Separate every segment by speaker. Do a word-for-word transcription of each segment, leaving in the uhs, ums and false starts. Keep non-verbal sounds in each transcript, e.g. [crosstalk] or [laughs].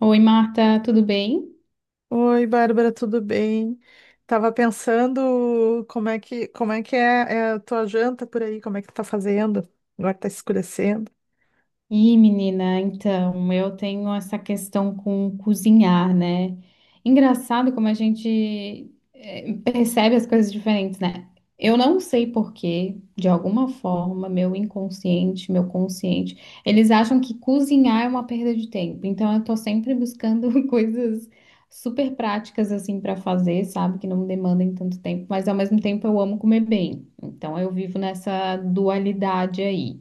Speaker 1: Oi, Marta, tudo bem?
Speaker 2: Oi, Bárbara, tudo bem? Tava pensando como é que, como é que é, é a tua janta por aí, como é que tu tá fazendo? Agora tá escurecendo.
Speaker 1: Ih, menina, então, eu tenho essa questão com cozinhar, né? Engraçado como a gente eh, percebe as coisas diferentes, né? Eu não sei por quê, de alguma forma, meu inconsciente, meu consciente, eles acham que cozinhar é uma perda de tempo. Então, eu tô sempre buscando [laughs] coisas super práticas, assim, pra fazer, sabe? Que não demandem tanto tempo, mas ao mesmo tempo eu amo comer bem. Então, eu vivo nessa dualidade aí.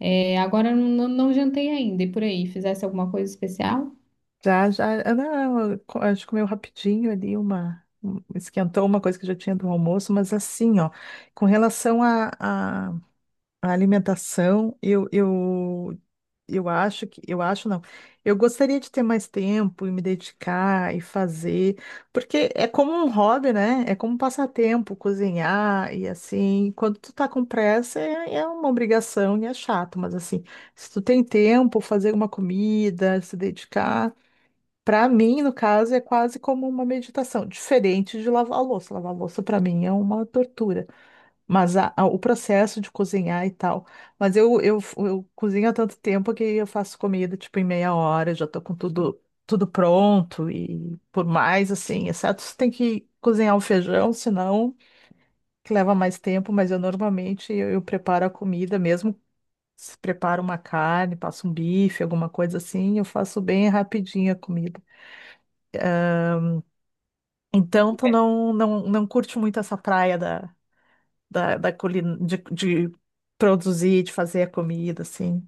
Speaker 1: É, agora eu não, não jantei ainda. E por aí, fizesse alguma coisa especial?
Speaker 2: Já, já, ah, não, eu co- a gente comeu rapidinho ali uma, um- esquentou uma coisa que já tinha do almoço, mas assim, ó, com relação à à- à alimentação, eu, eu, eu acho que, eu acho não, eu gostaria de ter mais tempo e me dedicar e fazer, porque é como um hobby, né? É como um passatempo, cozinhar e assim, quando tu tá com pressa é, é uma obrigação e é chato, mas assim, se tu tem tempo, fazer uma comida, se dedicar para mim, no caso, é quase como uma meditação, diferente de lavar a louça. Lavar a louça para mim é uma tortura, mas a- a- o processo de cozinhar e tal. Mas eu, eu, eu cozinho há tanto tempo que eu faço comida tipo em meia hora, já tô com tudo tudo pronto e por mais assim, exceto se tem que cozinhar o feijão, senão que leva mais tempo, mas eu normalmente eu, eu preparo a comida mesmo. Se preparo uma carne, passo um bife, alguma coisa assim, eu faço bem rapidinho a comida. Então, tu não, não, não curte muito essa praia da, da, da culina, de, de produzir, de fazer a comida, assim.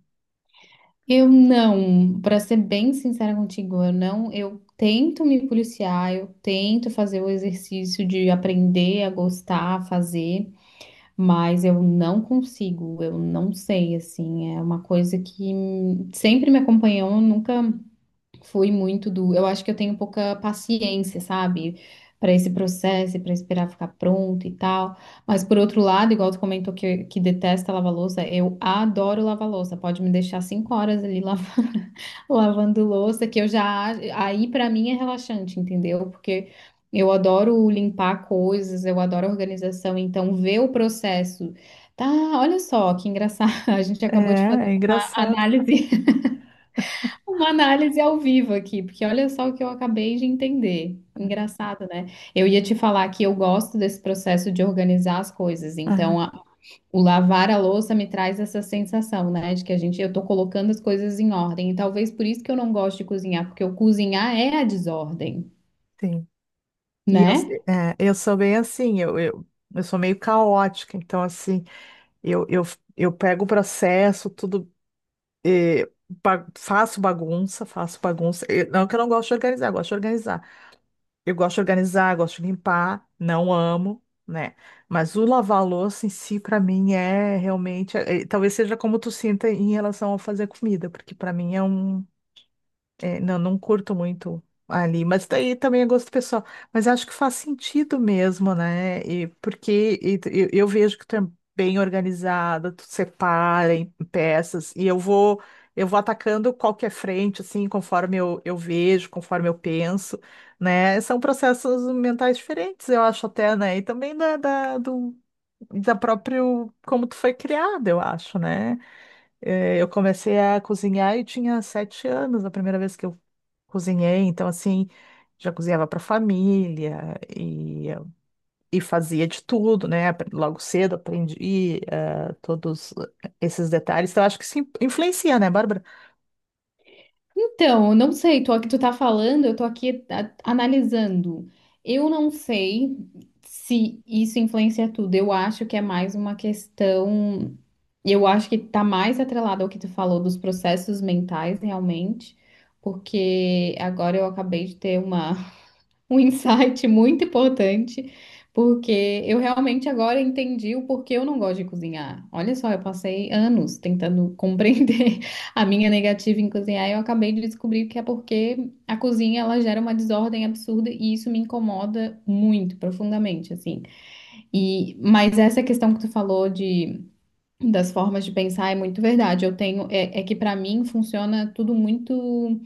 Speaker 1: Eu não, Para ser bem sincera contigo, eu não, eu tento me policiar, eu tento fazer o exercício de aprender a gostar, a fazer, mas eu não consigo, eu não sei, assim, é uma coisa que sempre me acompanhou, nunca foi muito do. Eu acho que eu tenho pouca paciência, sabe? Para esse processo, para esperar ficar pronto e tal. Mas por outro lado, igual tu comentou que, que detesta lavar louça, eu adoro lavar louça. Pode me deixar cinco horas ali lavar, [laughs] lavando louça, que eu já. Aí para mim é relaxante, entendeu? Porque eu adoro limpar coisas, eu adoro organização. Então, ver o processo. Tá, olha só que engraçado. [laughs] A gente
Speaker 2: É,
Speaker 1: acabou de fazer
Speaker 2: é
Speaker 1: uma
Speaker 2: engraçado.
Speaker 1: análise uma análise ao vivo aqui, porque olha só o que eu acabei de entender. Engraçado, né? Eu ia te falar que eu gosto desse processo de organizar as coisas. Então,
Speaker 2: Ah,
Speaker 1: a- o lavar a louça me traz essa sensação, né, de que a gente, eu tô colocando as coisas em ordem. E talvez por isso que eu não gosto de cozinhar, porque o cozinhar é a desordem,
Speaker 2: sim. E eu,
Speaker 1: né?
Speaker 2: se- é, eu sou bem assim, eu, eu, eu sou meio caótica, então assim, eu, eu, eu pego o processo, tudo eh, ba- faço bagunça, faço bagunça. Eu- não que eu não gosto de organizar, eu gosto de organizar. Eu gosto de organizar, gosto de limpar, não amo, né? Mas o lavar a louça em si, pra mim, é realmente. Eh, talvez seja como tu sinta em relação a fazer comida, porque pra mim é um. É, não, não curto muito ali, mas daí também é gosto pessoal. Mas acho que faz sentido mesmo, né? E porque e tu- eu, eu vejo que tu é bem organizada, tu separa em peças, e eu vou eu vou atacando qualquer frente, assim, conforme eu, eu vejo, conforme eu penso, né? São processos mentais diferentes, eu acho até, né? E também da, da, do, da próprio como tu foi criada, eu acho, né? Eh, Eu comecei a cozinhar e tinha sete anos, a primeira vez que eu cozinhei, então assim, já cozinhava para família e, e fazia de tudo, né? Apre- Logo cedo aprendi eh, todos esses detalhes. Então acho que isso in- influencia, né, Bárbara?
Speaker 1: Então, eu não sei, tô aqui, tu tá falando, eu tô aqui a- analisando. Eu não sei se isso influencia tudo. Eu acho que é mais uma questão. Eu acho que tá mais atrelado ao que tu falou dos processos mentais, realmente, porque agora eu acabei de ter uma um insight [laughs] muito importante, porque eu realmente agora entendi o porquê eu não gosto de cozinhar. Olha só, eu passei anos tentando compreender [laughs] a minha negativa em cozinhar e eu acabei de descobrir que é porque a cozinha ela gera uma desordem absurda e isso me incomoda muito, profundamente, assim. E mas essa questão que tu falou de das formas de pensar é muito verdade. Eu tenho é, é que para mim funciona tudo muito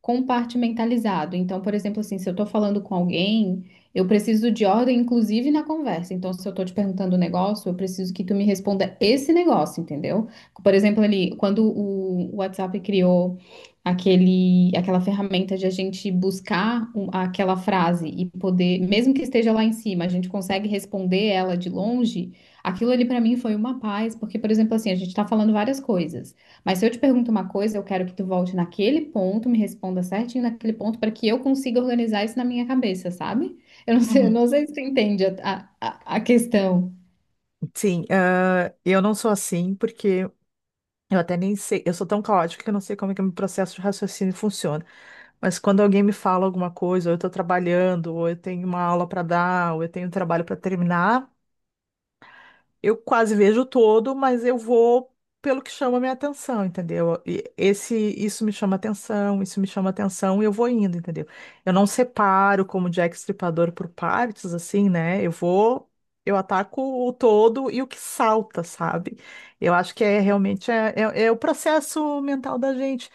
Speaker 1: compartimentalizado. Então, por exemplo, assim, se eu estou falando com alguém, eu preciso de ordem, inclusive na conversa. Então, se eu estou te perguntando um negócio, eu preciso que tu me responda esse negócio, entendeu? Por exemplo, ali, quando o WhatsApp criou aquele, aquela ferramenta de a gente buscar um- aquela frase e poder, mesmo que esteja lá em cima, a gente consegue responder ela de longe. Aquilo ali para mim foi uma paz, porque, por exemplo, assim, a gente está falando várias coisas. Mas se eu te pergunto uma coisa, eu quero que tu volte naquele ponto, me responda certinho naquele ponto, para que eu consiga organizar isso na minha cabeça, sabe? Eu não sei, eu
Speaker 2: Uhum.
Speaker 1: não sei se tu entende a, a, a a questão.
Speaker 2: Sim, ah, eu não sou assim porque eu até nem sei, eu sou tão caótica que eu não sei como é que o meu processo de raciocínio funciona. Mas quando alguém me fala alguma coisa, ou eu estou trabalhando, ou eu tenho uma aula para dar, ou eu tenho um trabalho para terminar, eu quase vejo todo, mas eu vou pelo que chama a minha atenção, entendeu? E esse, isso me chama atenção, isso me chama atenção e eu vou indo, entendeu? Eu não separo como Jack Estripador por partes, assim, né? Eu vou, eu ataco o todo e o que salta, sabe? Eu acho que é realmente é, é, é o processo mental da gente.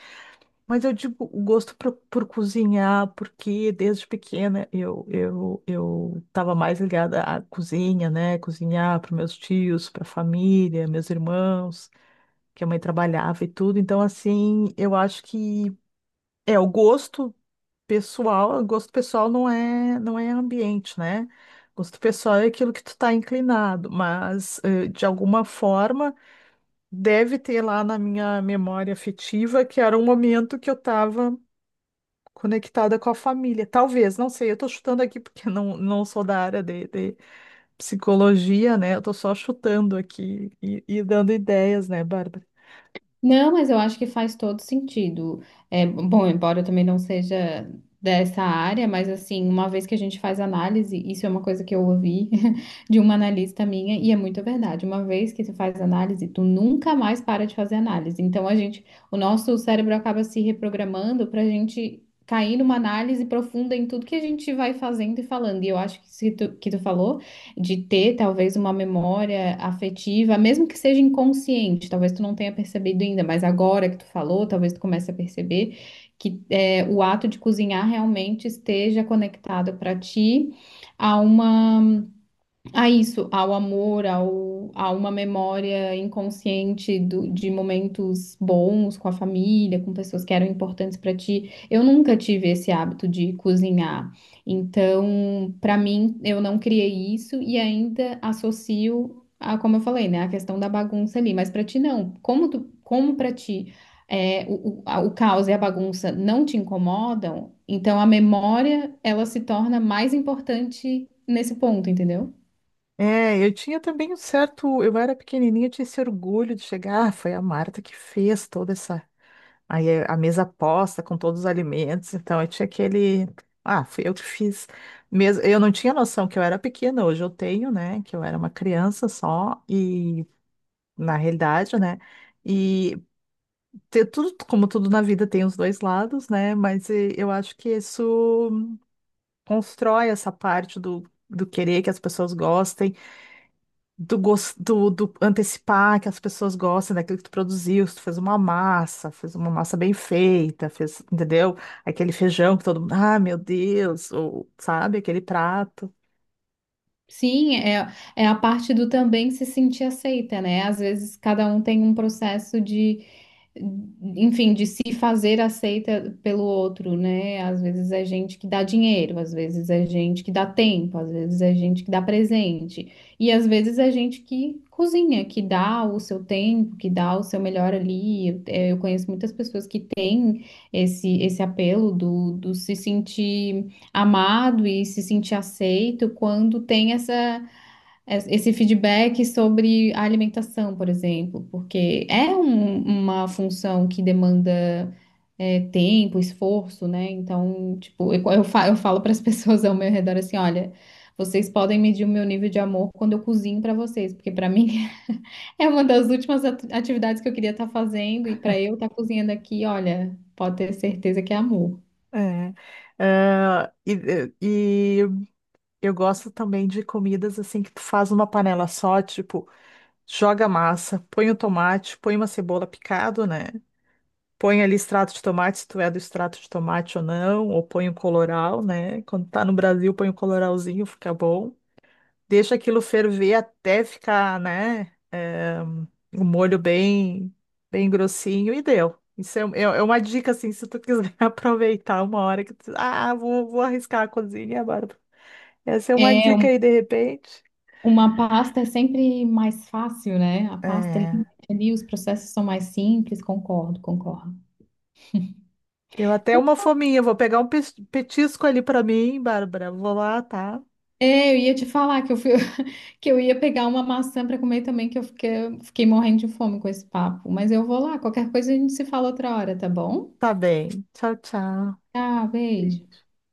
Speaker 2: Mas eu digo o gosto por, por cozinhar, porque desde pequena eu, eu, eu estava mais ligada à cozinha, né? Cozinhar para meus tios, para a família, meus irmãos, que a mãe trabalhava e tudo. Então, assim, eu acho que é o gosto pessoal, o gosto pessoal não é, não é ambiente, né? Gosto pessoal é aquilo que tu tá inclinado, mas eh, de alguma forma deve ter lá na minha memória afetiva que era um momento que eu estava conectada com a família. Talvez, não sei, eu tô chutando aqui porque não, não sou da área de, de psicologia, né? Eu tô só chutando aqui e, e dando ideias, né, Bárbara?
Speaker 1: Não, mas eu acho que faz todo sentido. É, bom, embora eu também não seja dessa área, mas assim, uma vez que a gente faz análise, isso é uma coisa que eu ouvi [laughs] de uma analista minha, e é muito verdade. Uma vez que tu faz análise, tu nunca mais para de fazer análise. Então a gente, o nosso cérebro acaba se reprogramando para a gente cair numa análise profunda em tudo que a gente vai fazendo e falando. E eu acho que isso que tu, que tu falou de ter talvez uma memória afetiva, mesmo que seja inconsciente, talvez tu não tenha percebido ainda, mas agora que tu falou, talvez tu comece a perceber que é, o ato de cozinhar realmente esteja conectado para ti a uma a isso, ao amor, ao, a uma memória inconsciente do- de momentos bons com a família, com pessoas que eram importantes para ti. Eu nunca tive esse hábito de cozinhar. Então, para mim, eu não criei isso e ainda associo a, como eu falei, né, a questão da bagunça ali. Mas para ti não. Como tu, como para ti é, o, o, a- o caos e a bagunça não te incomodam, então a memória ela se torna mais importante nesse ponto, entendeu?
Speaker 2: É, eu tinha também um certo. Eu era pequenininha, eu tinha esse orgulho de chegar. Ah, foi a Marta que fez toda essa. Aí é a mesa posta com todos os alimentos, então eu tinha aquele. Ah, fui eu que fiz. Mesmo, eu não tinha noção que eu era pequena, hoje eu tenho, né? Que eu era uma criança só e, na realidade, né? E ter tudo, como tudo na vida tem os dois lados, né? Mas eh, eu acho que isso constrói essa parte do, do querer que as pessoas gostem, do, gos- do, do antecipar que as pessoas gostem daquilo que tu produziu, se tu fez uma massa, fez uma massa bem feita, fez, entendeu? Aquele feijão que todo mundo, ah, meu Deus, ou sabe, aquele prato.
Speaker 1: Sim, é, é a parte do também se sentir aceita, né? Às vezes cada um tem um processo de enfim, de se fazer aceita pelo outro, né? Às vezes é gente que dá dinheiro, às vezes é gente que dá tempo, às vezes é gente que dá presente, e às vezes é gente que cozinha, que dá o seu tempo, que dá o seu melhor ali. Eu, eh, eu conheço muitas pessoas que têm esse, esse apelo do, do se sentir amado e se sentir aceito quando tem essa es- esse feedback sobre a alimentação, por exemplo, porque é um- uma função que demanda é, tempo, esforço, né? Então, tipo, eu, eu fa- eu falo para as [laughs] pessoas ao meu redor assim, olha, vocês podem medir o meu nível de amor quando eu cozinho para vocês, porque para mim [laughs] é uma das últimas atu- atividades que eu queria estar fazendo e para eu estar cozinhando aqui, olha, pode ter certeza que é amor.
Speaker 2: É. Ah, e, eh, e eu gosto também de comidas assim que tu faz numa panela só, tipo. Joga a massa, põe o tomate, põe uma cebola picado, né? Põe ali extrato de tomate, se tu é do extrato de tomate ou não, ou põe o colorau, né? Quando tá no Brasil, põe o colorauzinho, fica bom. Deixa aquilo ferver até ficar, né? O molho bem, bem grossinho e deu. Isso é, é- é uma dica, assim, se tu quiser [laughs] aproveitar uma hora que tu, ah, vou, vou arriscar a cozinha, agora. Essa é uma
Speaker 1: É,
Speaker 2: dica aí, de repente.
Speaker 1: uma pasta é sempre mais fácil, né? A pasta ali,
Speaker 2: É.
Speaker 1: ali os processos são mais simples, concordo, concordo.
Speaker 2: Deu até
Speaker 1: Então,
Speaker 2: uma fominha. Vou pegar um pes- petisco ali pra mim, Bárbara. Vou lá, tá?
Speaker 1: é, eu ia te falar que eu fui, [laughs] que eu ia pegar uma maçã para comer também, que eu fiquei, fiquei morrendo de fome com esse papo. Mas eu vou lá, qualquer coisa a gente se fala outra hora, tá bom?
Speaker 2: Tá bem. Tchau, tchau.
Speaker 1: Tá, beijo.
Speaker 2: Beijo.